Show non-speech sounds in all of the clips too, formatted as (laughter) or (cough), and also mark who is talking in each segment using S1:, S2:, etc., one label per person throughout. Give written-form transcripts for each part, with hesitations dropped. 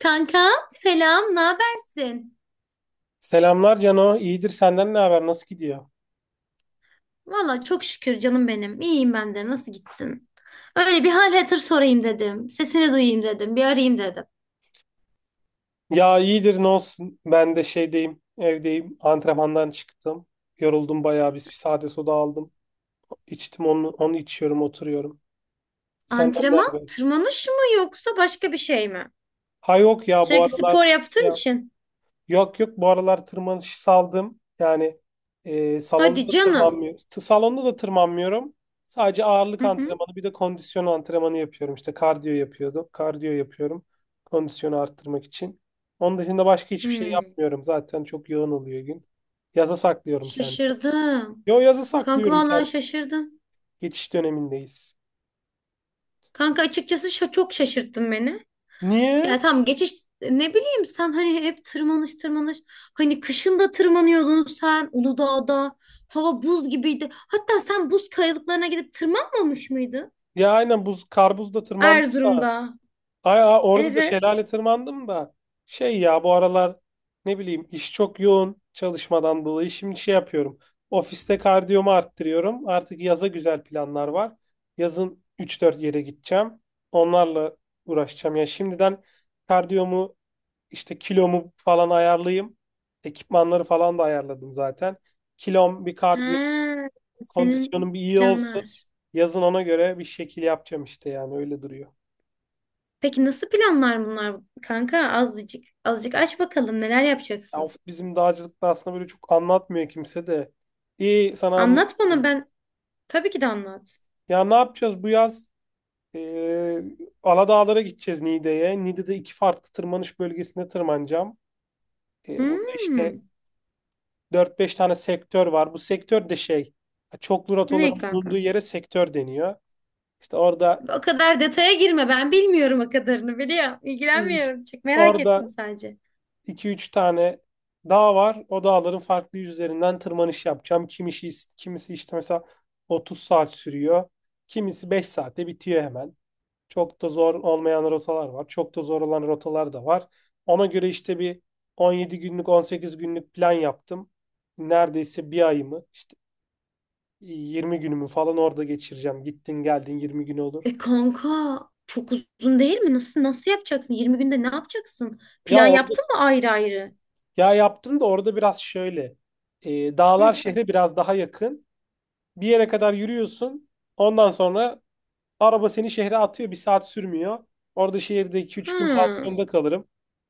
S1: Kankam selam, ne habersin?
S2: Selamlar Cano. İyidir, senden ne haber? Nasıl gidiyor?
S1: Valla çok şükür canım benim. İyiyim ben de. Nasıl gitsin? Öyle bir hal hatır sorayım dedim. Sesini duyayım dedim. Bir arayayım dedim.
S2: Ya iyidir, ne olsun. Ben de şeydeyim, evdeyim. Antrenmandan çıktım. Yoruldum bayağı. Biz bir sade soda aldım. İçtim onu, içiyorum, oturuyorum. Senden ne
S1: Antrenman,
S2: haber?
S1: tırmanış mı yoksa başka bir şey mi?
S2: Ha yok ya, bu
S1: Sürekli
S2: aralar
S1: spor
S2: şey
S1: yaptığın için.
S2: yok yok, bu aralar tırmanışı saldım. Yani salonda
S1: Hadi
S2: da
S1: canım.
S2: tırmanmıyorum. Salonda da tırmanmıyorum. Sadece ağırlık
S1: Hı hı.
S2: antrenmanı, bir de kondisyon antrenmanı yapıyorum. İşte kardiyo yapıyordum. Kardiyo yapıyorum. Kondisyonu arttırmak için. Onun dışında başka hiçbir şey
S1: Hmm.
S2: yapmıyorum. Zaten çok yoğun oluyor gün. Yaza saklıyorum kendimi.
S1: Şaşırdım.
S2: Yo, yazı
S1: Kanka
S2: saklıyorum
S1: vallahi
S2: kendimi.
S1: şaşırdım.
S2: Geçiş dönemindeyiz.
S1: Kanka açıkçası çok şaşırttın beni.
S2: Niye?
S1: Ya tamam geçiş, ne bileyim, sen hani hep tırmanış tırmanış, hani kışın da tırmanıyordun sen Uludağ'da, hava buz gibiydi. Hatta sen buz kayalıklarına gidip tırmanmamış mıydın?
S2: Ya aynen, buz kar buzda tırmandım da.
S1: Erzurum'da.
S2: Ay, ay, orada da
S1: Evet.
S2: şelale tırmandım da ya bu aralar ne bileyim, iş çok yoğun çalışmadan dolayı şimdi şey yapıyorum. Ofiste kardiyomu arttırıyorum. Artık yaza güzel planlar var. Yazın üç dört yere gideceğim. Onlarla uğraşacağım. Ya şimdiden kardiyomu, işte kilomu falan ayarlayayım. Ekipmanları falan da ayarladım zaten. Kilom bir,
S1: He,
S2: kardiyo
S1: senin
S2: kondisyonum bir iyi olsun.
S1: planlar.
S2: Yazın ona göre bir şekil yapacağım işte, yani öyle duruyor.
S1: Peki nasıl planlar bunlar kanka? Azıcık azıcık aç bakalım, neler
S2: Ya of,
S1: yapacaksın?
S2: bizim dağcılıkta aslında böyle çok anlatmıyor kimse de. İyi, sana
S1: Anlat bana,
S2: anlatıyorum.
S1: ben tabii ki de anlat.
S2: Ya ne yapacağız bu yaz? Ee, Aladağlara gideceğiz, Niğde'ye. Niğde'de iki farklı tırmanış bölgesinde tırmanacağım. Burada
S1: Hmm,
S2: işte dört beş tane sektör var. Bu sektör de şey, çoklu
S1: ne
S2: rotaların bulunduğu
S1: kanka?
S2: yere sektör deniyor. İşte orada
S1: O kadar detaya girme. Ben bilmiyorum o kadarını biliyor. İlgilenmiyorum. Çok merak ettim
S2: orada
S1: sadece.
S2: 2 üç tane dağ var. O dağların farklı yüzlerinden tırmanış yapacağım. Kimisi işte mesela 30 saat sürüyor. Kimisi 5 saatte bitiyor hemen. Çok da zor olmayan rotalar var. Çok da zor olan rotalar da var. Ona göre işte bir 17 günlük, 18 günlük plan yaptım. Neredeyse bir ayımı, işte 20 günümü falan orada geçireceğim. Gittin geldin 20 gün olur.
S1: E kanka, çok uzun değil mi? Nasıl yapacaksın? 20 günde ne yapacaksın?
S2: Ya
S1: Plan
S2: orada
S1: yaptın mı ayrı ayrı?
S2: ya yaptım da orada biraz şöyle. Dağlar
S1: Nasıl?
S2: şehre biraz daha yakın. Bir yere kadar yürüyorsun. Ondan sonra araba seni şehre atıyor. Bir saat sürmüyor. Orada şehirde iki üç gün
S1: Ha.
S2: pansiyonda kalırım.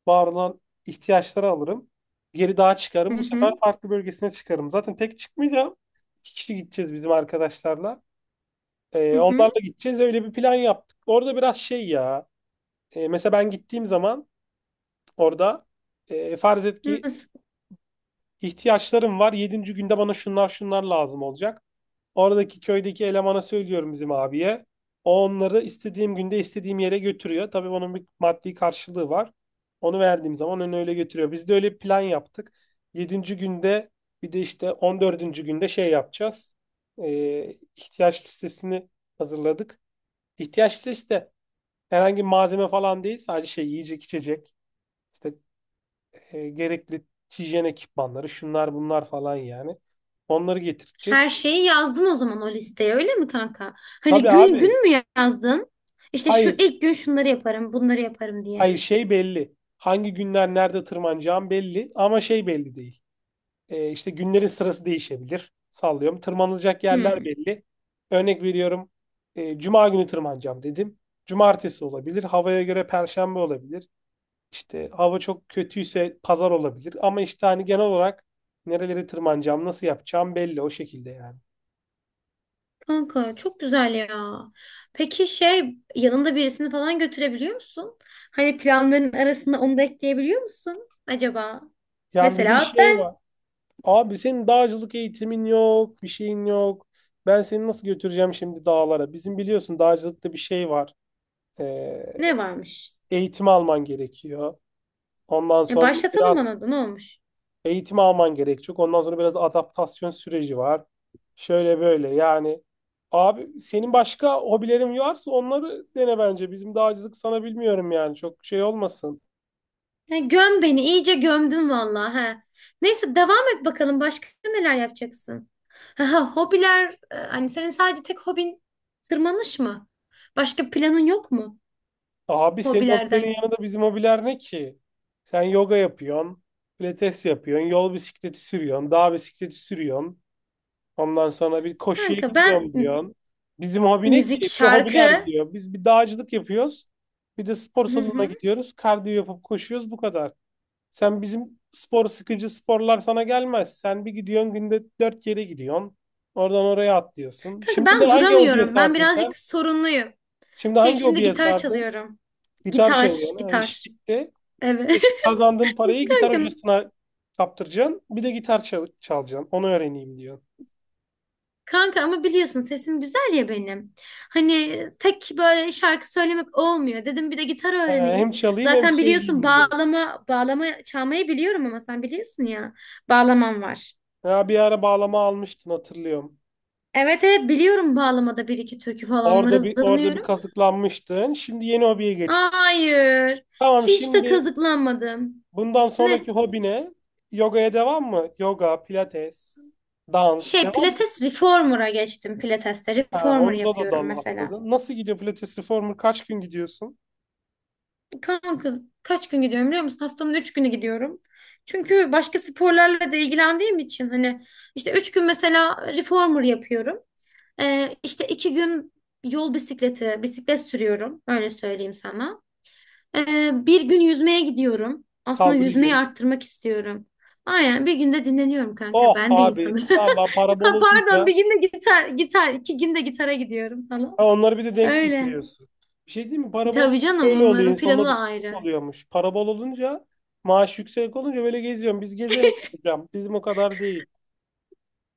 S2: Var olan ihtiyaçları alırım. Geri dağa çıkarım.
S1: Hı
S2: Bu sefer
S1: hı.
S2: farklı bölgesine çıkarım. Zaten tek çıkmayacağım. İki kişi gideceğiz bizim arkadaşlarla.
S1: Hı hı.
S2: Onlarla gideceğiz. Öyle bir plan yaptık. Orada biraz şey ya. Mesela ben gittiğim zaman orada farz et ki
S1: Nasıl?
S2: ihtiyaçlarım var. Yedinci günde bana şunlar şunlar lazım olacak. Oradaki köydeki elemana söylüyorum, bizim abiye. O onları istediğim günde istediğim yere götürüyor. Tabii onun bir maddi karşılığı var. Onu verdiğim zaman onu öyle götürüyor. Biz de öyle bir plan yaptık. Yedinci günde, bir de işte 14. günde şey yapacağız. İhtiyaç listesini hazırladık. İhtiyaç listesi de herhangi bir malzeme falan değil. Sadece şey, yiyecek içecek. İşte gerekli hijyen ekipmanları, şunlar bunlar falan yani. Onları
S1: Her
S2: getireceğiz.
S1: şeyi yazdın o zaman o listeye, öyle mi kanka? Hani
S2: Tabii
S1: gün
S2: abi.
S1: gün mü yazdın? İşte şu
S2: Hayır.
S1: ilk gün şunları yaparım, bunları yaparım diye.
S2: Hayır şey belli. Hangi günler nerede tırmanacağım belli, ama şey belli değil. İşte günlerin sırası değişebilir. Sallıyorum. Tırmanılacak yerler
S1: Hı.
S2: belli. Örnek veriyorum. Cuma günü tırmanacağım dedim. Cumartesi olabilir. Havaya göre Perşembe olabilir. İşte hava çok kötüyse Pazar olabilir. Ama işte hani genel olarak nereleri tırmanacağım, nasıl yapacağım belli, o şekilde yani.
S1: Kanka çok güzel ya. Peki şey, yanında birisini falan götürebiliyor musun? Hani planların arasında onu da ekleyebiliyor musun acaba?
S2: Yani bizim
S1: Mesela
S2: şey
S1: ben.
S2: var. Abi senin dağcılık eğitimin yok, bir şeyin yok. Ben seni nasıl götüreceğim şimdi dağlara? Bizim biliyorsun dağcılıkta bir şey var. Ee,
S1: Ne varmış?
S2: eğitim alman gerekiyor. Ondan
S1: E
S2: sonra
S1: başlatalım
S2: biraz
S1: ona da, ne olmuş?
S2: eğitim alman gerekecek. Ondan sonra biraz adaptasyon süreci var. Şöyle böyle yani. Abi senin başka hobilerin varsa onları dene bence. Bizim dağcılık sana bilmiyorum yani, çok şey olmasın.
S1: Ya göm beni, iyice gömdün vallahi he. Neyse, devam et bakalım, başka neler yapacaksın? Ha, ha, hobiler, hani senin sadece tek hobin tırmanış mı? Başka planın yok mu
S2: Abi senin
S1: hobilerden?
S2: hobilerin yanında bizim hobiler ne ki? Sen yoga yapıyorsun, pilates yapıyorsun, yol bisikleti sürüyorsun, dağ bisikleti sürüyorsun. Ondan sonra bir koşuya
S1: Kanka ben
S2: gidiyorum diyorsun. Bizim hobi ne ki?
S1: müzik,
S2: Bir de hobiler
S1: şarkı.
S2: diyor. Biz bir dağcılık yapıyoruz. Bir de spor
S1: Hı
S2: salonuna
S1: hı.
S2: gidiyoruz. Kardiyo yapıp koşuyoruz, bu kadar. Sen bizim spor sıkıcı sporlar sana gelmez. Sen bir gidiyorsun, günde dört yere gidiyorsun. Oradan oraya atlıyorsun.
S1: Kanka
S2: Şimdi ne
S1: ben
S2: hangi hobiye
S1: duramıyorum. Ben
S2: sardın sen?
S1: birazcık sorunluyum.
S2: Şimdi
S1: Şey,
S2: hangi
S1: şimdi
S2: hobiye
S1: gitar
S2: sardın?
S1: çalıyorum.
S2: Gitar
S1: Gitar,
S2: çalıyorsun. Ha, iş
S1: gitar.
S2: bitti.
S1: Evet.
S2: Beşi kazandığın
S1: (laughs)
S2: parayı gitar
S1: Kanka,
S2: hocasına kaptıracaksın. Bir de gitar çal çalacaksın. Onu öğreneyim diyor.
S1: kanka ama biliyorsun sesim güzel ya benim. Hani tek böyle şarkı söylemek olmuyor. Dedim bir de gitar
S2: Hem
S1: öğreneyim.
S2: çalayım hem
S1: Zaten biliyorsun,
S2: söyleyeyim diyor.
S1: bağlama çalmayı biliyorum, ama sen biliyorsun ya. Bağlamam var.
S2: Ya bir ara bağlama almıştın, hatırlıyorum.
S1: Evet evet, biliyorum, bağlamada bir iki türkü falan
S2: Orada bir
S1: mırıldanıyorum.
S2: kazıklanmıştın. Şimdi yeni hobiye geçtin.
S1: Hayır.
S2: Tamam,
S1: Hiç de
S2: şimdi
S1: kazıklanmadım.
S2: bundan sonraki
S1: Ne?
S2: hobine yogaya devam mı? Yoga, pilates, dans
S1: Şey,
S2: devam mı?
S1: pilates reformer'a geçtim pilateste.
S2: Ha,
S1: Reformer
S2: onda da
S1: yapıyorum
S2: dal
S1: mesela.
S2: atladın. Nasıl gidiyor pilates reformer? Kaç gün gidiyorsun?
S1: Kanka, kaç gün gidiyorum biliyor musun? Haftanın 3 günü gidiyorum. Çünkü başka sporlarla da ilgilendiğim için, hani işte 3 gün mesela reformer yapıyorum. İşte 2 gün yol bisikleti, bisiklet sürüyorum. Öyle söyleyeyim sana. Bir gün yüzmeye gidiyorum. Aslında
S2: Kaldı bir
S1: yüzmeyi
S2: gün.
S1: arttırmak istiyorum. Aynen, bir günde dinleniyorum kanka.
S2: Oh
S1: Ben de
S2: abi,
S1: insanım. (laughs)
S2: vallahi, para bol
S1: Ha,
S2: olunca
S1: pardon, bir günde gitar, gitar, 2 günde gitara gidiyorum falan.
S2: ha, onları bir de denk
S1: Öyle.
S2: getiriyorsun. Bir şey değil mi? Para bol olunca
S1: Tabii canım,
S2: böyle oluyor.
S1: onların planı
S2: İnsanlar bir
S1: da
S2: sürük
S1: ayrı.
S2: oluyormuş. Para bol olunca, maaş yüksek olunca böyle geziyorum. Biz gezemiyoruz hocam. Bizim o kadar değil.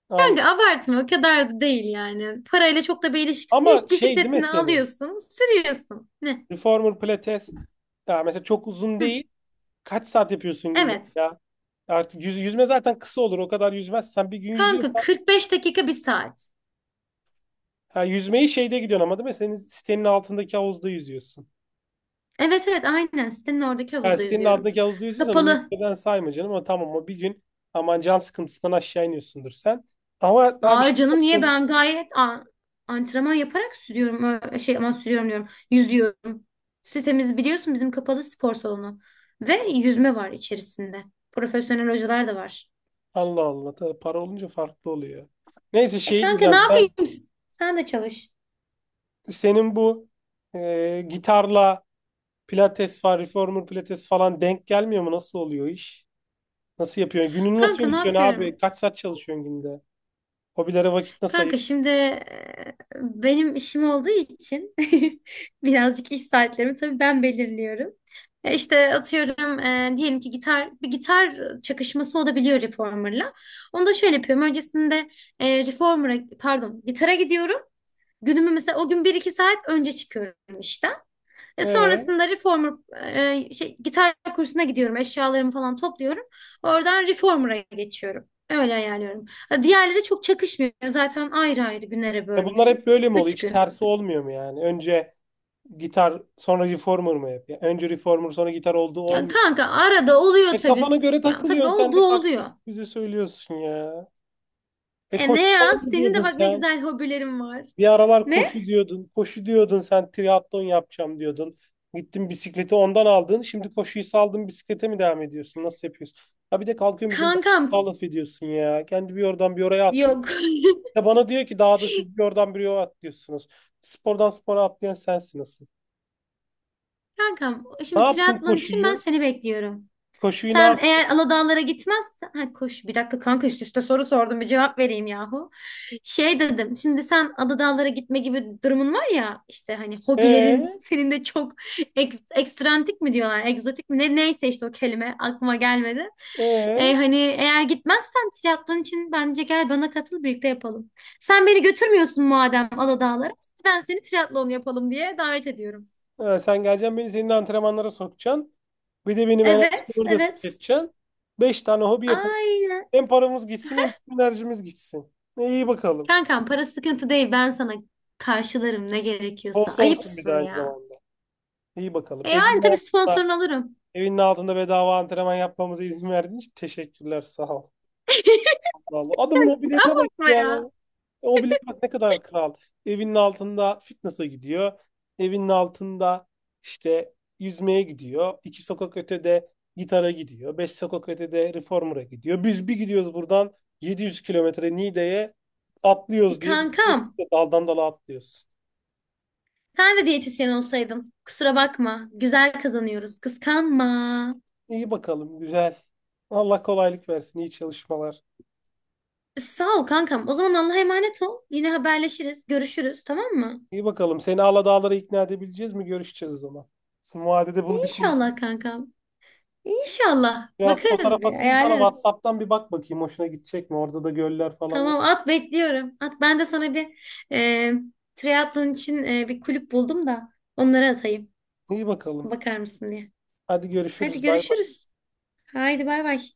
S2: Al.
S1: Kanka abartma, o kadar da değil yani. Parayla çok da bir ilişkisi
S2: Ama
S1: yok.
S2: şey değil mi
S1: Bisikletini
S2: seni?
S1: alıyorsun, sürüyorsun. Ne?
S2: Reformer pilates. Ya mesela çok uzun
S1: Hı.
S2: değil. Kaç saat yapıyorsun günde
S1: Evet.
S2: ya? Artık yüz, yüzme zaten kısa olur. O kadar yüzmezsen, bir gün
S1: Kanka,
S2: yüzüyorsan.
S1: 45 dakika bir saat.
S2: Ha, yüzmeyi şeyde gidiyorsun ama değil mi? Senin sitenin altındaki havuzda yüzüyorsun.
S1: Evet evet, aynen sitenin oradaki
S2: Yani
S1: havuzda
S2: sitenin
S1: yüzüyorum.
S2: altındaki havuzda yüzüyorsan onu
S1: Kapalı.
S2: yüzmeden sayma canım. Ama tamam, o bir gün, aman can sıkıntısından aşağı iniyorsundur sen. Ama daha bir
S1: Aa
S2: şey
S1: canım, niye,
S2: yapsın.
S1: ben gayet antrenman yaparak sürüyorum. Şey, ama sürüyorum diyorum. Yüzüyorum. Sitemiz biliyorsun bizim kapalı spor salonu. Ve yüzme var içerisinde. Profesyonel hocalar da var.
S2: Allah Allah. Tabii para olunca farklı oluyor. Neyse
S1: E
S2: şey
S1: kanka, ne
S2: diyeceğim,
S1: yapayım? Sen de çalış.
S2: senin bu gitarla pilates var, reformer pilates falan denk gelmiyor mu? Nasıl oluyor iş? Nasıl yapıyorsun? Gününü nasıl
S1: Kanka, ne
S2: yönetiyorsun
S1: yapıyorum?
S2: abi? Kaç saat çalışıyorsun günde? Hobilere vakit nasıl
S1: Kanka
S2: ayırıyorsun?
S1: şimdi, benim işim olduğu için (laughs) birazcık iş saatlerimi tabii ben belirliyorum. E, İşte atıyorum, diyelim ki bir gitar çakışması olabiliyor reformer'la. Onu da şöyle yapıyorum. Öncesinde reformer'a, pardon, gitara gidiyorum. Günümü mesela o gün bir iki saat önce çıkıyorum işte. E
S2: Ee,
S1: sonrasında reformer, şey, gitar kursuna gidiyorum. Eşyalarımı falan topluyorum. Oradan reformer'a geçiyorum. Öyle ayarlıyorum. Ha, diğerleri çok çakışmıyor. Zaten ayrı ayrı günlere
S2: bunlar
S1: bölmüşüm.
S2: hep böyle mi oluyor?
S1: Üç
S2: Hiç
S1: gün.
S2: tersi olmuyor mu yani? Önce gitar sonra reformer mı hep? Ya önce reformer sonra gitar olduğu
S1: Ya
S2: olmuyor.
S1: kanka, arada oluyor
S2: E
S1: tabii.
S2: kafana göre
S1: Ya tabii,
S2: takılıyorsun sen de,
S1: olduğu
S2: kaktüs
S1: oluyor.
S2: bize söylüyorsun ya. E
S1: E
S2: koşu
S1: ne ya?
S2: falan mı
S1: Senin
S2: diyordun
S1: de bak ne
S2: sen?
S1: güzel hobilerin var.
S2: Bir aralar
S1: Ne?
S2: koşu diyordun. Koşu diyordun, sen triatlon yapacağım diyordun. Gittin bisikleti ondan aldın. Şimdi koşuyu saldın, bisiklete mi devam ediyorsun? Nasıl yapıyorsun? Ha, bir de kalkıyorsun bizim
S1: Kankam
S2: dağda laf ediyorsun ya. Kendi bir oradan bir oraya atlıyor.
S1: yok.
S2: Ya bana diyor ki dağda siz bir oradan bir oraya atlıyorsunuz. Spordan spora atlayan sensin, nasıl?
S1: (laughs) Kankam,
S2: Ne
S1: şimdi
S2: yaptın
S1: triatlon için ben
S2: koşuyu?
S1: seni bekliyorum.
S2: Koşuyu ne
S1: Sen
S2: yaptın?
S1: eğer Aladağlara gitmezsen... Ha, koş bir dakika kanka, üst üste soru sordum, bir cevap vereyim yahu. Şey dedim, şimdi sen Aladağlara gitme gibi durumun var ya, işte hani hobilerin
S2: E
S1: senin de çok ekstrantik mi diyorlar, egzotik mi ne, neyse işte, o kelime aklıma gelmedi. E,
S2: Ee,
S1: hani eğer gitmezsen triatlon için bence gel bana katıl, birlikte yapalım. Sen beni götürmüyorsun madem Aladağlara, ben seni triatlon yapalım diye davet ediyorum.
S2: ha, sen geleceksin, beni senin antrenmanlara sokacaksın. Bir de benim enerjimi
S1: Evet
S2: burada
S1: evet,
S2: tüketeceksin. Beş tane hobi yapalım.
S1: aynen.
S2: Hem paramız gitsin hem tüm enerjimiz gitsin. İyi bakalım.
S1: Kankam, para sıkıntı değil, ben sana karşılarım ne gerekiyorsa.
S2: Sponsorsun bir de
S1: Ayıpsın
S2: aynı
S1: ya.
S2: zamanda. İyi bakalım.
S1: E yani
S2: Evinin
S1: tabii,
S2: altında,
S1: sponsorunu alırım.
S2: evinin altında bedava antrenman yapmamıza izin verdiğin için teşekkürler. Sağ ol.
S1: (laughs)
S2: Vallahi adamın hobilerine bak
S1: Bakma
S2: ya.
S1: ya.
S2: O bile bak ne kadar kral. Evinin altında fitness'a gidiyor. Evinin altında işte yüzmeye gidiyor. İki sokak ötede gitara gidiyor. Beş sokak ötede reformer'a gidiyor. Biz bir gidiyoruz buradan 700 kilometre Niğde'ye
S1: E
S2: atlıyoruz diye. Biz
S1: kankam,
S2: diyorsun ki daldan dala atlıyoruz.
S1: sen de diyetisyen olsaydın. Kusura bakma. Güzel kazanıyoruz. Kıskanma.
S2: İyi bakalım güzel. Allah kolaylık versin. İyi çalışmalar.
S1: E, sağ ol kankam. O zaman Allah'a emanet ol. Yine haberleşiriz. Görüşürüz, tamam mı?
S2: İyi bakalım. Seni Aladağlara ikna edebileceğiz mi? Görüşeceğiz o zaman. Son vadede
S1: E,
S2: bunu bir konuş.
S1: İnşallah kankam. E, İnşallah.
S2: Biraz fotoğraf
S1: Bakarız bir.
S2: atayım sana
S1: Ayarlarız.
S2: WhatsApp'tan, bir bak bakayım hoşuna gidecek mi? Orada da göller falan var.
S1: Tamam, at bekliyorum. At, ben de sana bir e, triatlon için bir kulüp buldum da onları atayım.
S2: İyi bakalım.
S1: Bakar mısın diye.
S2: Hadi
S1: Hadi
S2: görüşürüz. Bay bay.
S1: görüşürüz. Haydi bay bay.